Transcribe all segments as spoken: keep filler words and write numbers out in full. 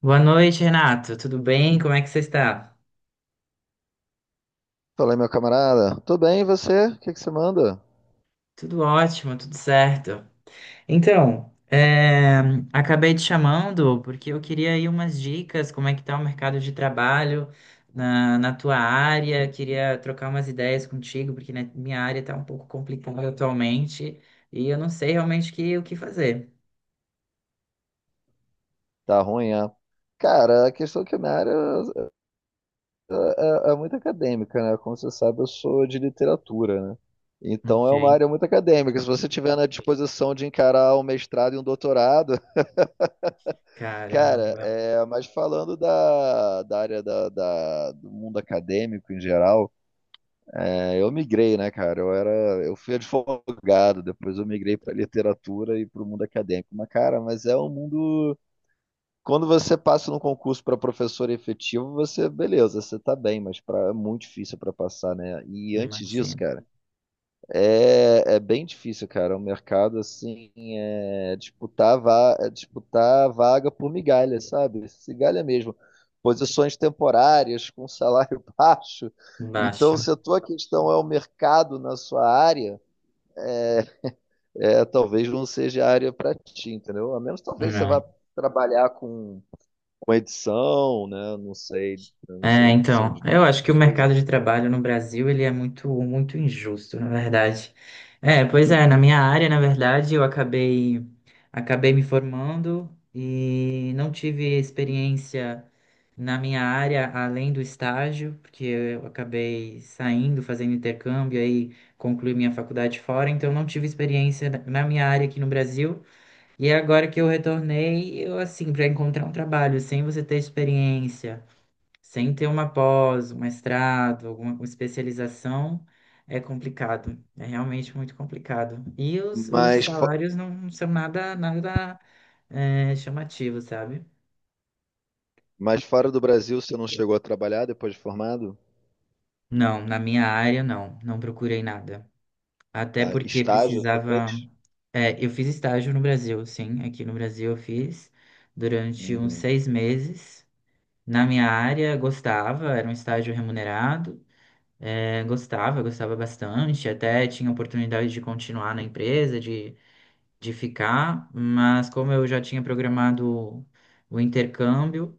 Boa noite, Renato. Tudo bem? Como é que você está? Falei, meu camarada, tudo bem, e você? O que que você manda? Tudo ótimo, tudo certo. Então, é, Acabei te chamando porque eu queria aí umas dicas, como é que tá o mercado de trabalho na, na tua área. Queria trocar umas ideias contigo, porque na minha área está um pouco complicada atualmente e eu não sei realmente que- o que fazer. Tá ruim, é? Cara, a questão é que minha área é, é muito acadêmica, né? Como você sabe, eu sou de literatura, né? Então é uma Ok. área muito acadêmica. Se você tiver na disposição de encarar um mestrado e um doutorado, cara, Caramba, é, mas falando da, da área da, da- do mundo acadêmico em geral, é, eu migrei, né, cara? Eu era, eu fui advogado, depois eu migrei para literatura e para o mundo acadêmico. Mas, cara, mas é um mundo. Quando você passa no concurso para professor efetivo, você, beleza, você tá bem, mas pra, é muito difícil para passar, né? E antes disso, imagina. cara, é, é bem difícil, cara. O mercado, assim, é disputar, va é disputar vaga por migalha, sabe? Migalha mesmo. Posições temporárias, com salário baixo. Então, Baixo. se a tua questão é o mercado na sua área, é, é, talvez não seja a área para ti, entendeu? A menos talvez você vá trabalhar com com edição, né? Não sei, eu não É, sei edição então, de livro, eu acho que o coisa. mercado de trabalho no Brasil ele é muito, muito injusto, na verdade. É, pois é, na minha área, na verdade, eu acabei, acabei me formando e não tive experiência na minha área além do estágio, porque eu acabei saindo, fazendo intercâmbio, aí concluí minha faculdade fora, então não tive experiência na na minha área aqui no Brasil. E agora que eu retornei, eu assim, para encontrar um trabalho sem você ter experiência, sem ter uma pós, um mestrado, alguma especialização, é complicado. É realmente muito complicado. E os, os Mas, fo- salários não são nada, nada, é, chamativos, sabe? mas fora do Brasil, você não chegou a trabalhar depois de formado? Não, na minha área, não. Não procurei nada. Até Ah, porque estágio você fez? precisava. É, eu fiz estágio no Brasil, sim. Aqui no Brasil eu fiz durante uns Uhum. seis meses. Na minha área, gostava, era um estágio remunerado. É, gostava, gostava bastante, até tinha oportunidade de continuar na empresa, de, de ficar, mas como eu já tinha programado o intercâmbio,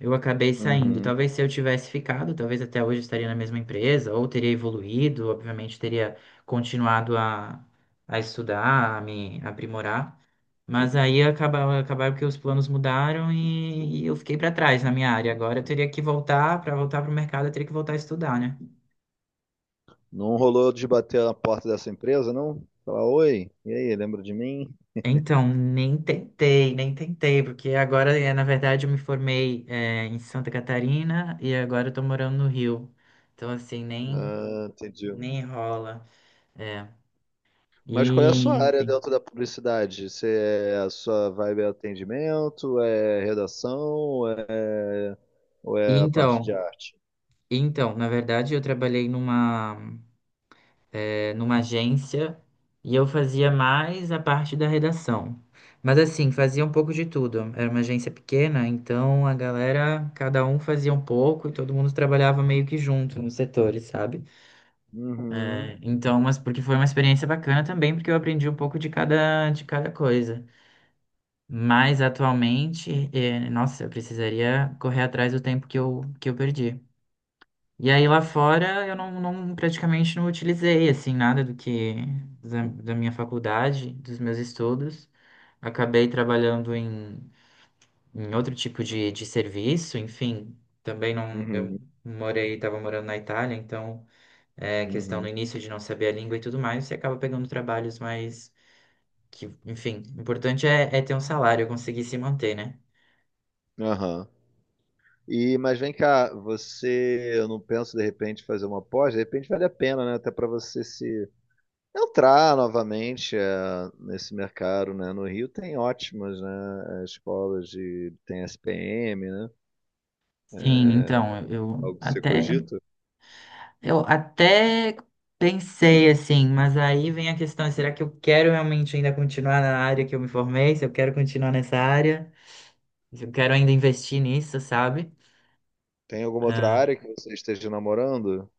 eu acabei saindo. Uhum. Talvez se eu tivesse ficado, talvez até hoje eu estaria na mesma empresa, ou teria evoluído, obviamente teria continuado a, a estudar, a me aprimorar, mas aí acabava acabaram que os planos mudaram e, e eu fiquei para trás na minha área. Agora eu teria que voltar, para voltar para o mercado, eu teria que voltar a estudar, né? Não rolou de bater na porta dessa empresa, não? Falar, oi, e aí, lembra de mim? Então, nem tentei, nem tentei, porque agora, eh, na verdade, eu me formei, eh, em Santa Catarina e agora eu tô morando no Rio. Então, assim, nem, Ah, entendi. nem rola. É. Mas qual é a sua E, área enfim. dentro da publicidade? Você é, a sua vibe é atendimento, é redação, ou é, ou E é a parte de então, arte? e então, na verdade, eu trabalhei numa, eh, numa agência e eu fazia mais a parte da redação. Mas, assim, fazia um pouco de tudo. Era uma agência pequena, então a galera, cada um fazia um pouco e todo mundo trabalhava meio que junto nos setores, sabe? É, Uhum, então, mas porque foi uma experiência bacana também, porque eu aprendi um pouco de cada, de cada coisa. Mas atualmente, é, nossa, eu precisaria correr atrás do tempo que eu, que eu perdi. E aí lá fora eu não, não- praticamente não utilizei assim nada do que da, da minha faculdade, dos meus estudos. Acabei trabalhando em, em outro tipo de, de serviço, enfim, também não, eu uhum, morei, estava morando na Itália, então é, questão no uhum. início de não saber a língua e tudo mais, você acaba pegando trabalhos mais que, enfim, o importante é, é ter um salário, conseguir se manter, né? Aham. E, mas vem cá, você, eu não penso de repente fazer uma pós, de repente vale a pena, né? Até para você se entrar novamente eh, nesse mercado, né? No Rio tem ótimas, né? eh, Escolas de tem S P M, né? Sim, então, eu Algo que você até cogita? eu até pensei assim, mas aí vem a questão, será que eu quero realmente ainda continuar na área que eu me formei? Se eu quero continuar nessa área, se eu quero ainda investir nisso, sabe? Tem alguma outra área que você esteja namorando?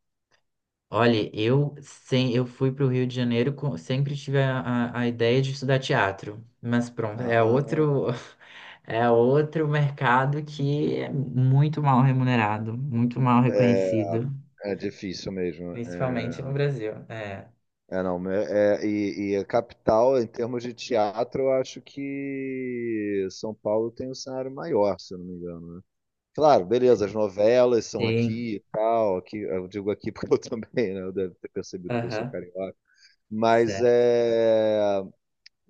Olha, eu sem, eu fui para o Rio de Janeiro, com- sempre tive a, a, a ideia de estudar teatro, mas pronto, é Ah, outro é outro mercado que é muito mal remunerado, muito mal é, reconhecido, é difícil mesmo. principalmente no É, Brasil. É, é, Não, é, é- e, e a capital, em termos de teatro, eu acho que São Paulo tem um cenário maior, se eu não me engano. Claro, beleza, as novelas são sim, aqui e tal, aqui, eu digo aqui porque eu também, né, eu deve ter percebido que eu sou aham, carioca, mas certo. é,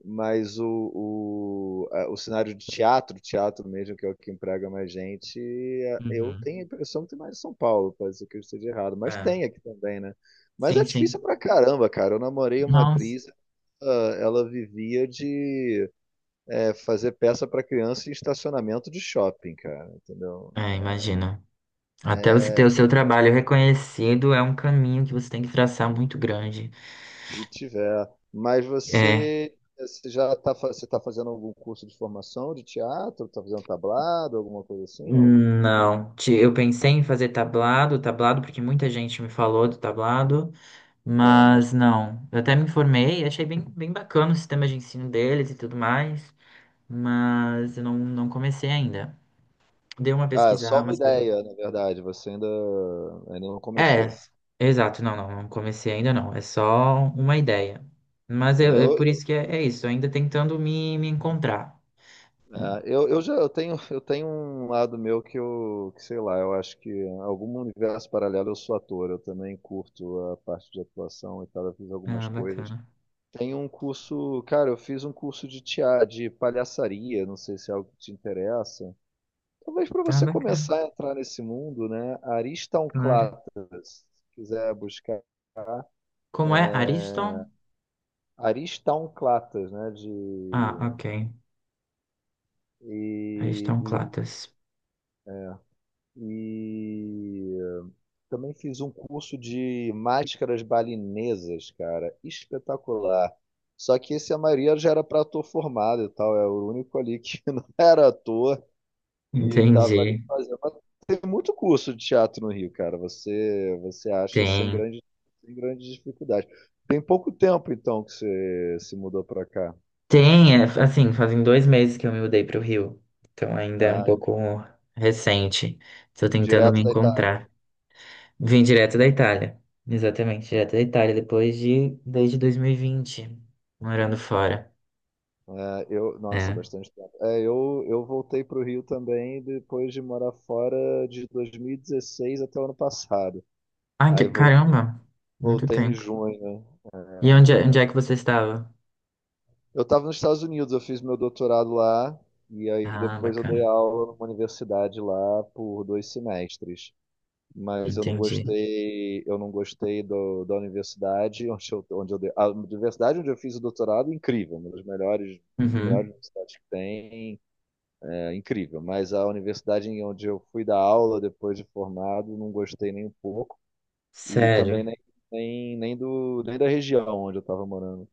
mas o, o, a- o cenário de teatro, teatro mesmo, que é o que emprega mais gente, é, eu Uhum. tenho a impressão que tem mais em São Paulo, pode ser que eu esteja errado, mas É. tem aqui também, né? Mas Sim, é difícil sim. pra caramba, cara, eu namorei uma Nossa. atriz, ela, ela vivia de é, fazer peça pra criança em estacionamento de shopping, cara, entendeu? É, imagina. Até você ter É, o seu trabalho reconhecido é um caminho que você tem que traçar muito grande. se tiver. Mas É. você, você já está você tá fazendo algum curso de formação de teatro? Está fazendo tablado, alguma coisa assim? Não, Não, Ti- eu pensei em fazer tablado, tablado, porque muita gente me falou do tablado, não mas mas. não. Eu até me informei, achei bem, bem bacana o sistema de ensino deles e tudo mais, mas eu não, não comecei ainda. Dei uma Ah, é pesquisada, só uma umas pe- ideia, na verdade. Você ainda, ainda não é, começou. exato, não, não, não comecei ainda não, é só uma ideia. Mas É, eu, eu, eu- por eu, isso que é, é isso, ainda tentando me, me encontrar. é, eu, eu já eu tenho, eu tenho um lado meu que eu, que sei lá, eu acho que em algum universo paralelo eu sou ator. Eu também curto a parte de atuação e tal. Eu fiz algumas Ah, coisas. bacana. Tem um curso, cara, eu fiz um curso de tia, de palhaçaria, não sei se é algo que te interessa. Talvez para Ah, você bacana, começar a entrar nesse mundo, né? claro. Aristonclatas, se quiser buscar. Como é? Ariston? Aristonclatas, né? Ah, De, ok. e, Ariston Clatas. e, e também fiz um curso de máscaras balinesas, cara, espetacular. Só que esse a maioria já era para ator formado e tal, é o único ali que não era ator. E Entendi. tava ali fazendo. Mas tem muito curso de teatro no Rio, cara. Você, você acha sem Tem. grande, Sem grande dificuldade. Tem pouco tempo, então, que você se mudou pra cá. Tem, é, assim, fazem dois meses que eu me mudei para o Rio. Então ainda é um Ah, pouco recente. Estou tentando me direto da Itália. encontrar. Vim direto da Itália. Exatamente, direto da Itália, depois de, desde dois mil e vinte, morando fora. É, eu, nossa, É. bastante tempo. É, eu, eu voltei para o Rio também depois de morar fora de dois mil e dezesseis até o ano passado. Ah, Aí que voltei, caramba! Muito Voltei em tempo. junho, né? E onde, é- onde É, é que você estava? Eu estava nos Estados Unidos, eu fiz meu doutorado lá, e aí Ah, depois eu dei bacana. aula numa universidade lá por dois semestres. Mas eu não Entendi. gostei, eu não gostei do, da universidade onde eu, onde eu dei, a universidade onde eu fiz o doutorado, é incrível, uma das melhores, uma das melhores Uhum. universidades que tem, é incrível. Mas a universidade em onde eu fui dar aula depois de formado, não gostei nem um pouco, e Sério. também nem, nem, nem do, nem da região onde eu estava morando.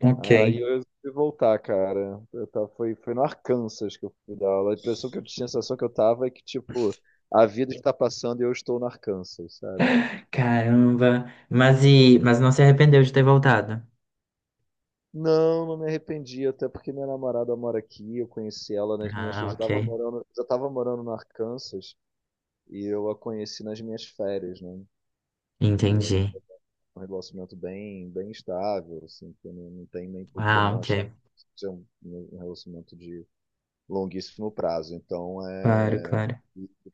Ok. Aí eu resolvi voltar, cara. Eu tava, foi, foi no Arkansas que eu fui dar aula. A impressão que eu tinha, a sensação que eu tava é que, tipo, a vida está passando e eu estou no Arkansas, sabe? Caramba. Mas e, mas não se arrependeu de ter voltado? Não, não me arrependi, até porque minha namorada mora aqui, eu conheci ela nas minhas. Ah, Eu já tava ok. morando, Já tava morando no Arkansas e eu a conheci nas minhas férias, né? E a Entendi. gente tem um relacionamento bem, bem estável, assim, que não, não tem nem por que Ah, não ok. achar que seja um um relacionamento de longuíssimo prazo. Então, Claro, é claro.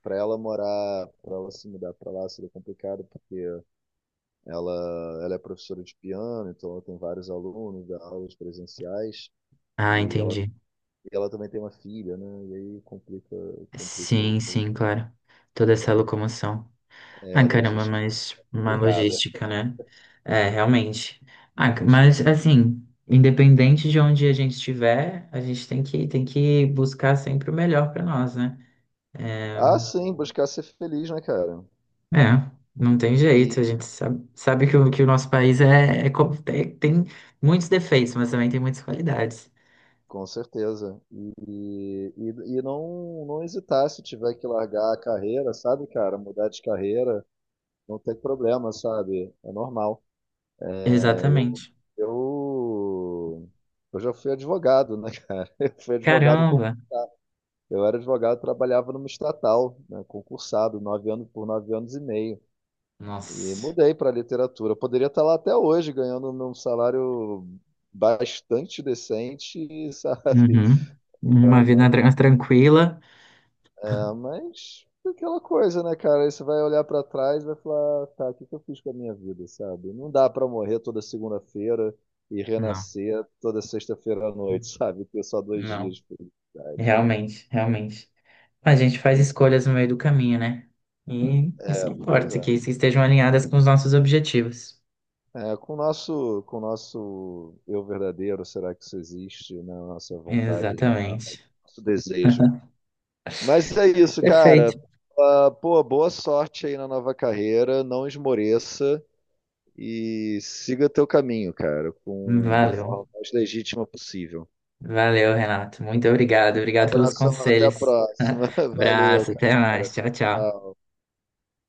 para ela morar, para ela se mudar para lá seria complicado porque ela ela é professora de piano, então ela tem vários alunos, dá aulas presenciais. Ah, E ela, entendi. e ela também tem uma filha, né? E aí complica, complica o- Sim, sim, claro. Toda essa locomoção. é, a Ah, caramba, logística é mas uma complicada. logística, né? É, realmente. Ah, c- gente. mas assim, independente de onde a gente estiver, a gente tem que, tem que buscar sempre o melhor para nós, né? É, Ah, sim, buscar ser feliz, né, cara? é, não tem jeito. A E gente sabe, sabe que, o, que o nosso país é, é co- tem tem muitos defeitos, mas também tem muitas qualidades. com certeza. E, e, e não, não hesitar se tiver que largar a carreira, sabe, cara? Mudar de carreira, não tem problema, sabe? É normal. É, eu, Exatamente. eu, eu já fui advogado, né? Eu fui advogado com, Caramba! eu era advogado, trabalhava numa estatal, né? Concursado, nove anos por nove anos e meio. E Nossa. mudei para literatura. Eu poderia estar lá até hoje, ganhando um salário bastante decente, sabe? Uhum. Ah, Uma vida tran- tranquila. Ah, mas aquela coisa, né, cara? Aí você vai olhar pra trás e vai falar, tá, o que que eu fiz com a minha vida, sabe? Não dá pra morrer toda segunda-feira e Não, renascer toda sexta-feira à noite, sabe? Ter só dois dias não, de felicidade. realmente, realmente. A gente faz escolhas no meio do caminho, né? E isso É, que pois importa, é. que isso estejam alinhadas com os nossos objetivos. É, com o nosso, com o nosso eu verdadeiro, será que isso existe, né? Nossa vontade real, Exatamente. nosso desejo. Mas é isso, Perfeito. cara. Ah, pô, boa sorte aí na nova carreira. Não esmoreça. E siga teu caminho, cara, com da Valeu. forma mais legítima possível. Valeu, Renato. Muito obrigado. Um Obrigado pelos abração, até a conselhos. próxima. Valeu, Abraço, até cara. mais. Tchau, Tchau, tchau. tchau.